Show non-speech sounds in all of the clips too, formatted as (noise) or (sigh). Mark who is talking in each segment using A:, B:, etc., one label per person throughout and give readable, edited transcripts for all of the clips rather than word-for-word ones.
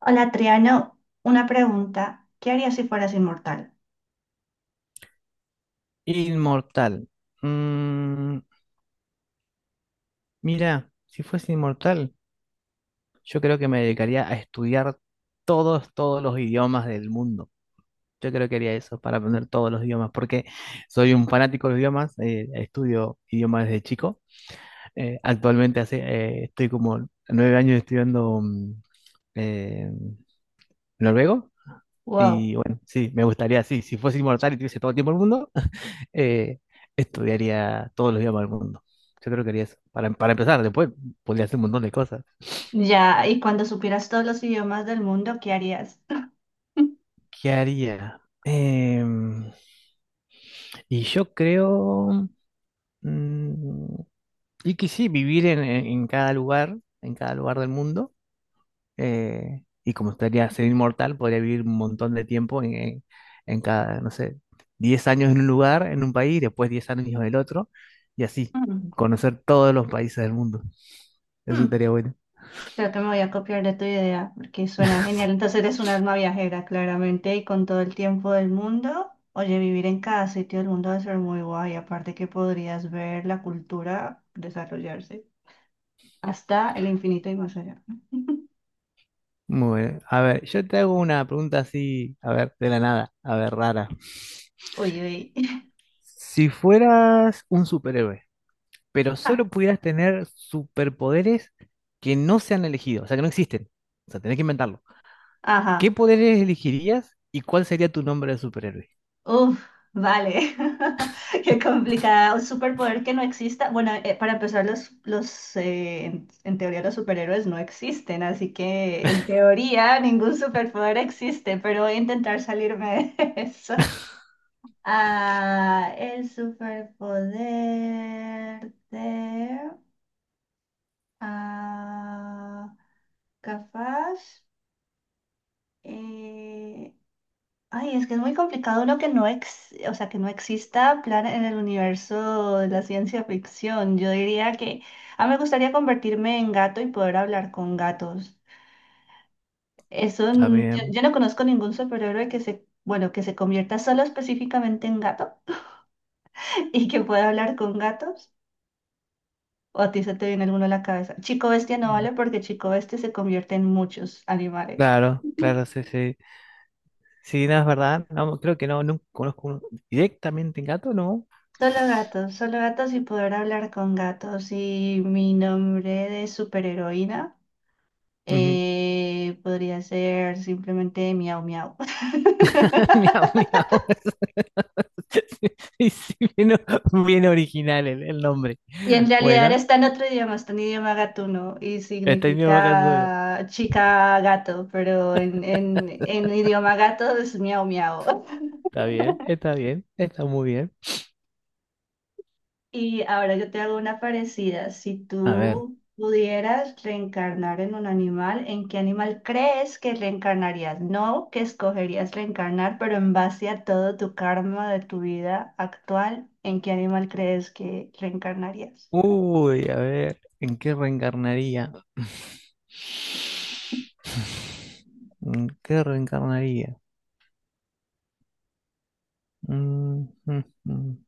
A: Hola, Triano, una pregunta. ¿Qué harías si fueras inmortal?
B: Inmortal. Mm, mira, si fuese inmortal, yo creo que me dedicaría a estudiar todos los idiomas del mundo. Yo creo que haría eso para aprender todos los idiomas, porque soy un fanático de los idiomas, estudio idiomas desde chico. Actualmente hace, estoy como 9 años estudiando eh, noruego.
A: Wow.
B: Y bueno, sí, me gustaría, sí, si fuese inmortal y tuviese todo el tiempo del mundo, eh, estudiaría todos los idiomas del mundo. Yo creo que haría eso. Para empezar, después podría hacer un montón de cosas.
A: Ya, y cuando supieras todos los idiomas del mundo, ¿qué harías?
B: ¿Qué haría? Y yo creo, mm, y que sí, vivir en cada lugar del mundo. Y como estaría ser inmortal, podría vivir un montón de tiempo en cada, no sé, 10 años en un lugar, en un país, después 10 años en el otro, y así,
A: Mm,
B: conocer todos los países del mundo. Eso
A: mm,
B: estaría bueno.
A: Creo que me voy a copiar de tu idea porque suena genial. Entonces eres un alma viajera, claramente, y con todo el tiempo del mundo. Oye, vivir en cada sitio del mundo debe ser muy guay. Aparte que podrías ver la cultura desarrollarse hasta el infinito y más allá. (laughs)
B: Muy bien. A ver, yo te hago una pregunta así, a ver, de la nada, a ver, rara.
A: Uy, uy. (laughs)
B: Si fueras un superhéroe, pero
A: Ah,
B: solo pudieras tener superpoderes que no se han elegido, o sea, que no existen, o sea, tenés que inventarlo. ¿Qué
A: ajá.
B: poderes elegirías y cuál sería tu nombre de superhéroe?
A: Uf, vale. (laughs) Qué complicado. Un superpoder que no exista. Bueno, para empezar, en teoría los superhéroes no existen, así que en teoría ningún superpoder existe, pero voy a intentar salirme de (laughs) eso. Ah, el superpoder de... ah, capaz... eh, ay, es que es muy complicado lo que no ex, o sea, que no exista plan en el universo de la ciencia ficción. Yo diría que a mí me gustaría convertirme en gato y poder hablar con gatos. Eso,
B: Está bien.
A: yo no conozco ningún superhéroe que se, bueno, que se convierta solo específicamente en gato (laughs) y que pueda hablar con gatos. ¿O a ti se te viene alguno a la cabeza? Chico Bestia no vale
B: Mm.
A: porque Chico Bestia se convierte en muchos animales.
B: Claro, claro,
A: (laughs)
B: sí, sí. Sí, no es verdad. No, creo que no, no conozco uno directamente en gato, ¿no?
A: Solo gatos y poder hablar con gatos. Y mi nombre de superheroína
B: Ujú.
A: podría ser simplemente miau miau.
B: (laughs) Miau,
A: (laughs)
B: miau. (laughs) Sí, sí, bien, bien original el nombre.
A: Y en realidad
B: Bueno,
A: está en otro idioma, está en idioma gatuno y
B: está en idioma kanzuro.
A: significa chica gato, pero en idioma gato es miau miau.
B: Está bien, está bien, está muy bien.
A: Y ahora yo te hago una parecida. Si
B: A ver.
A: tú pudieras reencarnar en un animal, ¿en qué animal crees que reencarnarías? No que escogerías reencarnar, pero en base a todo tu karma de tu vida actual, ¿en qué animal crees que reencarnarías?
B: Uy, a ver, ¿en qué reencarnaría? (laughs) (sighs) ¿En qué reencarnaría? Mm, mm, mm.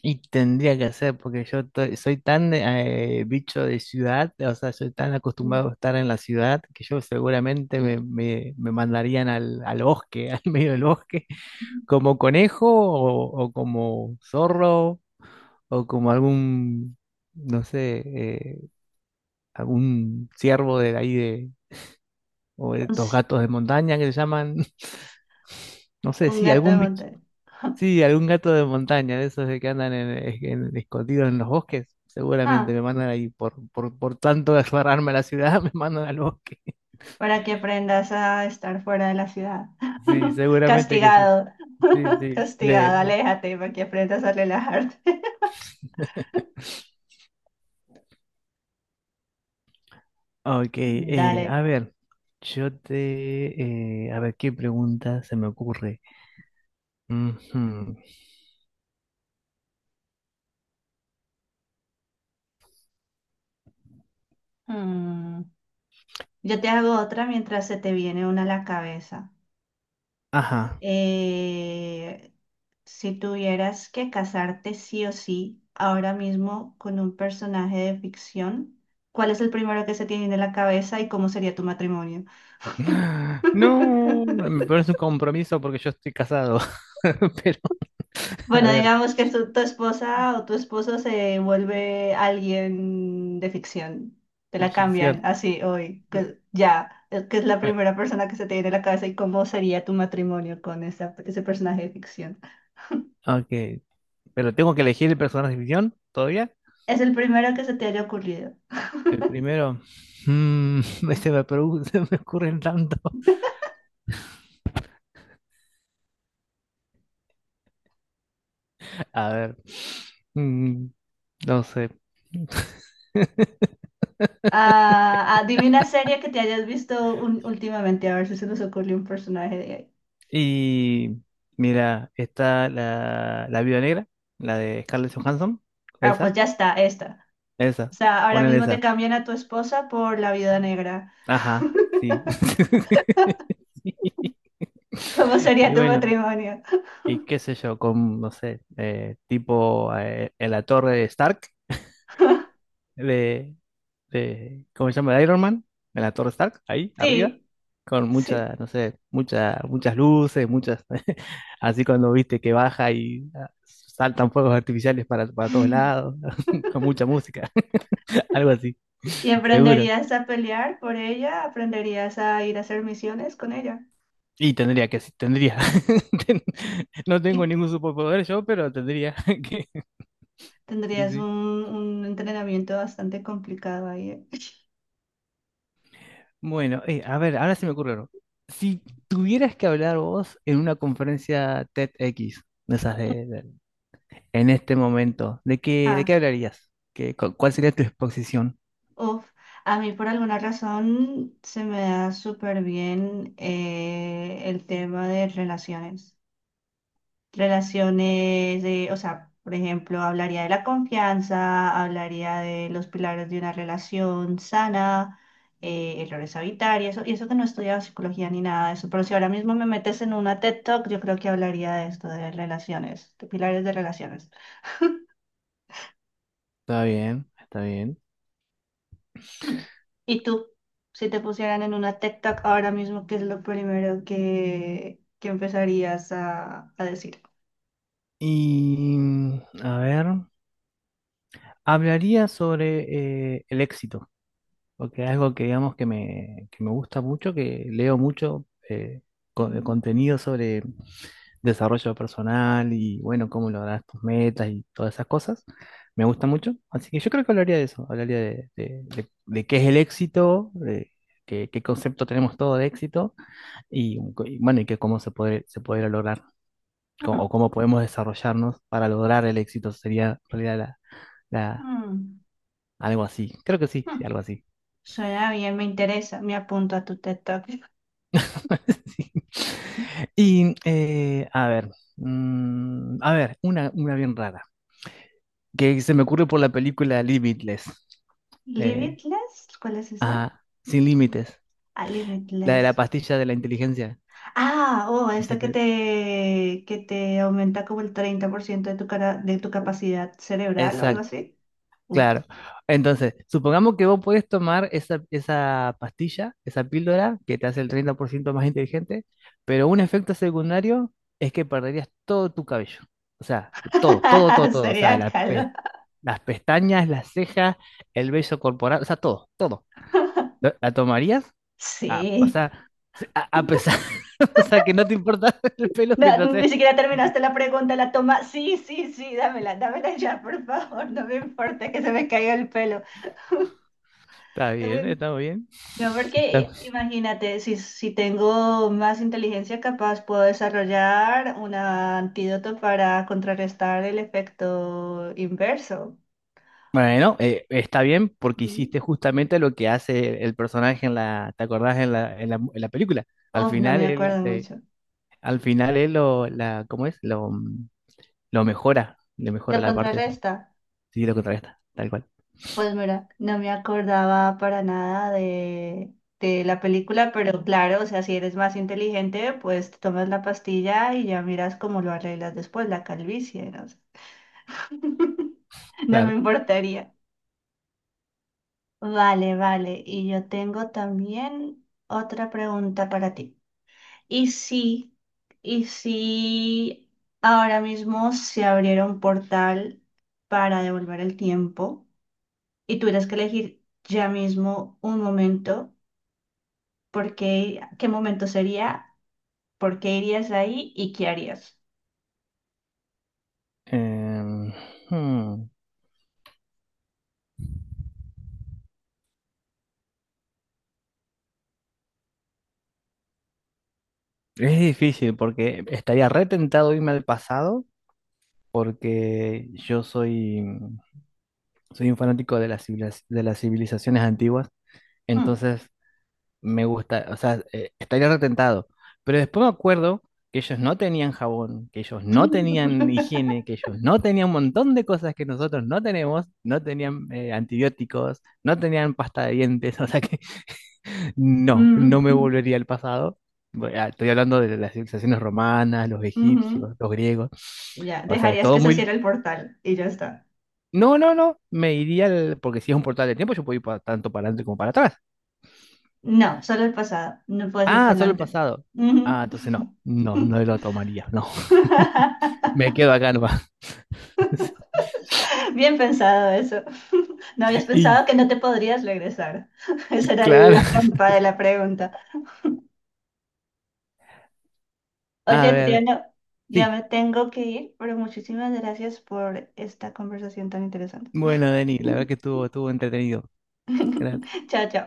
B: Y tendría que hacer, porque yo soy tan bicho de ciudad, o sea, soy tan
A: Ujú.
B: acostumbrado a estar en la ciudad que yo seguramente me mandarían al bosque, (laughs) al medio del bosque,
A: (laughs)
B: como conejo o como zorro o como algún, no sé, algún ciervo de ahí de, o de
A: Un,
B: estos
A: s-
B: gatos de montaña que se llaman, (laughs) no sé,
A: un
B: sí,
A: gato de
B: algún bicho.
A: montaña. (laughs)
B: Sí, algún gato de montaña, de esos de que andan escondidos en los bosques. Seguramente me
A: Ah,
B: mandan ahí por tanto de aferrarme a la ciudad, (laughs) me mandan al bosque.
A: para que aprendas a estar fuera de la ciudad.
B: Sí,
A: (laughs)
B: seguramente que sí.
A: Castigado,
B: Sí,
A: (laughs)
B: sí.
A: castigado, aléjate para que aprendas a relajarte.
B: Ok,
A: (laughs) Dale.
B: a ver, a ver, ¿qué pregunta se me ocurre? Ujú.
A: Mm, yo te hago otra mientras se te viene una a la cabeza.
B: Ajá.
A: Eh, si tuvieras que casarte sí o sí ahora mismo con un personaje de ficción, ¿cuál es el primero que se tiene en la cabeza y cómo sería tu matrimonio?
B: (gasps) (laughs) No, me
A: (laughs)
B: parece un compromiso porque yo estoy casado. (laughs) Pero, a
A: Bueno,
B: ver,
A: digamos que tu esposa o tu esposo se vuelve alguien de ficción. Te
B: de
A: la cambian
B: ficción.
A: así hoy, que ya, que es la primera persona que se te viene a la cabeza y cómo sería tu matrimonio con ese personaje de ficción.
B: Ok, pero tengo que elegir el personaje de ficción todavía.
A: Es el primero que se te haya ocurrido.
B: El primero. Mm, (laughs) (laughs) se me ocurren tanto. (laughs) A ver. mm, no sé. (laughs)
A: Dime una serie que te hayas visto últimamente, a ver si se nos ocurre un personaje de ahí.
B: Y mira, está la Viuda Negra, la de Scarlett Johansson.
A: Ah, pues
B: Esa,
A: ya está, esta. O
B: esa.
A: sea, ahora
B: Ponele
A: mismo te
B: esa.
A: cambian a tu esposa por la viuda negra.
B: Ajá, sí.
A: (laughs)
B: (laughs) Sí.
A: ¿Cómo sería
B: Y
A: tu
B: bueno,
A: matrimonio?
B: y qué sé yo, con, no sé, tipo en la torre de Stark de, de, ¿cómo se llama? De Iron Man, en la Torre Stark, ahí arriba,
A: Sí,
B: con
A: sí.
B: muchas, no sé, muchas, muchas luces, muchas, (laughs) así cuando viste que baja y ah, saltan fuegos artificiales para todos
A: Mm.
B: lados, (laughs) con mucha música, (laughs) algo así,
A: Y
B: seguro.
A: aprenderías a pelear por ella, aprenderías a ir a hacer misiones con ella.
B: Y tendría que, sí, tendría. (laughs) Ten- No tengo
A: Y
B: ningún superpoder yo, pero tendría (laughs) que, sí,
A: tendrías
B: sí.
A: un entrenamiento bastante complicado ahí. ¿Eh? (laughs)
B: Bueno, a ver, ahora se me ocurre uno. Si tuvieras que hablar vos en una conferencia TEDx, de esas de en este momento, de qué
A: Ah,
B: hablarías? Cuál sería tu exposición?
A: uf. A mí por alguna razón se me da súper bien el tema de relaciones. Relaciones de, o sea, por ejemplo, hablaría de la confianza, hablaría de los pilares de una relación sana, errores a evitar y eso que no he estudiado psicología ni nada de eso, pero si ahora mismo me metes en una TED Talk, yo creo que hablaría de esto, de relaciones, de pilares de relaciones.
B: Está bien, está bien.
A: Mm. ¿Y tú? Si te pusieran en una TED Talk ahora mismo, ¿qué es lo primero que empezarías a decir?
B: Y a ver, hablaría sobre el éxito, porque es algo que digamos que me gusta mucho, que leo mucho de
A: Mm.
B: contenido sobre desarrollo personal y bueno, cómo lograr tus metas y todas esas cosas. Me gusta mucho, así que yo creo que hablaría de eso, hablaría de, de qué es el éxito, de qué, qué concepto tenemos todo de éxito y, y bueno, y que cómo se podría lograr o cómo podemos desarrollarnos para lograr el éxito. Sería en realidad la, la-
A: Mm.
B: algo así. Creo que sí, sí,
A: Mm.
B: algo así.
A: Suena bien, me interesa. Me apunto a tu TED Talk.
B: (laughs) Sí. Y a ver, a ver, una bien rara, que se me ocurre por la película Limitless. Eh,
A: Limitless, ¿cuál es esa?
B: ajá, sin límites.
A: Ah,
B: La de la
A: Limitless.
B: pastilla de la inteligencia.
A: Ah, oh,
B: Ese
A: esta que
B: te-
A: que te aumenta como el 30% de tu cara, de tu capacidad cerebral o algo
B: Exacto.
A: así. Uf,
B: Claro. Entonces, supongamos que vos puedes tomar esa, esa pastilla, esa píldora que te hace el 30% más inteligente, pero un efecto secundario es que perderías todo tu cabello. O sea, todo, todo, todo,
A: (laughs)
B: todo. O sea,
A: sería calor.
B: las pestañas, las cejas, el vello corporal, o sea, todo, todo. ¿La tomarías? A, o
A: Sí.
B: sea, a pesar, (laughs) o sea, que no te importa (laughs) el pelo
A: No,
B: mientras...
A: ni
B: estés.
A: siquiera terminaste la pregunta, la toma. Sí, sí, sí, dámela, dámela ya, por favor. No me importa que se me caiga el pelo. (laughs)
B: Está
A: No
B: bien,
A: me
B: está muy bien.
A: No, porque imagínate, si tengo más inteligencia capaz, puedo desarrollar un antídoto para contrarrestar el efecto inverso.
B: Bueno, está bien porque
A: Mm.
B: hiciste justamente lo que hace el personaje en la, ¿te acordás en la película? Al
A: Uf, no
B: final
A: me
B: él,
A: acuerdo
B: eh,
A: mucho.
B: al final él lo, la, ¿cómo es? Lo, lo mejora, le
A: ¿Lo
B: mejora la parte esa.
A: contrarresta?
B: Sí, lo contrarresta, tal cual.
A: Pues mira, no me acordaba para nada de, de la película, pero claro, o sea, si eres más inteligente, pues te tomas la pastilla y ya miras cómo lo arreglas después, la calvicie, no sé. (laughs) No me
B: Claro.
A: importaría. Vale, vale. Y yo tengo también otra pregunta para ti. ¿Y si, ¿Y si ahora mismo se abriera un portal para devolver el tiempo y tuvieras que elegir ya mismo un momento, ¿ qué momento sería? ¿Por qué irías ahí y qué harías?
B: Em, hmm, es difícil porque estaría retentado irme al pasado porque yo soy, soy un fanático de las, de las civilizaciones antiguas.
A: Mm.
B: Entonces, me gusta, o sea, estaría retentado. Pero después me acuerdo que ellos no tenían jabón, que ellos no tenían
A: (laughs)
B: higiene, que ellos no tenían un montón de cosas que nosotros no tenemos, no tenían antibióticos, no tenían pasta de dientes, (laughs) o sea que no, no me
A: Mm,
B: volvería al pasado. Estoy hablando de las civilizaciones romanas, los
A: ujú.
B: egipcios, los griegos,
A: Ya,
B: o sea,
A: dejarías
B: todo
A: que se
B: muy...
A: cierre el portal y ya está.
B: No, no, no, porque si es un portal de tiempo, yo puedo ir tanto para adelante como para atrás.
A: No, solo el pasado. No puedes ir por
B: Ah, solo el
A: delante.
B: pasado.
A: Ujú.
B: Ah, entonces no, no, no lo tomaría, no. (laughs)
A: (laughs)
B: Me quedo acá nomás.
A: Bien pensado eso. (laughs) No habías
B: (laughs)
A: pensado
B: Y
A: que no te podrías regresar. (laughs) Esa era
B: claro,
A: la trampa de la pregunta.
B: a
A: Oye,
B: ver,
A: Triano, ya me
B: sí.
A: tengo que ir, pero muchísimas gracias por esta conversación tan interesante.
B: Bueno, Denis, la verdad que estuvo, estuvo entretenido. Gracias.
A: (laughs) Chao, chao.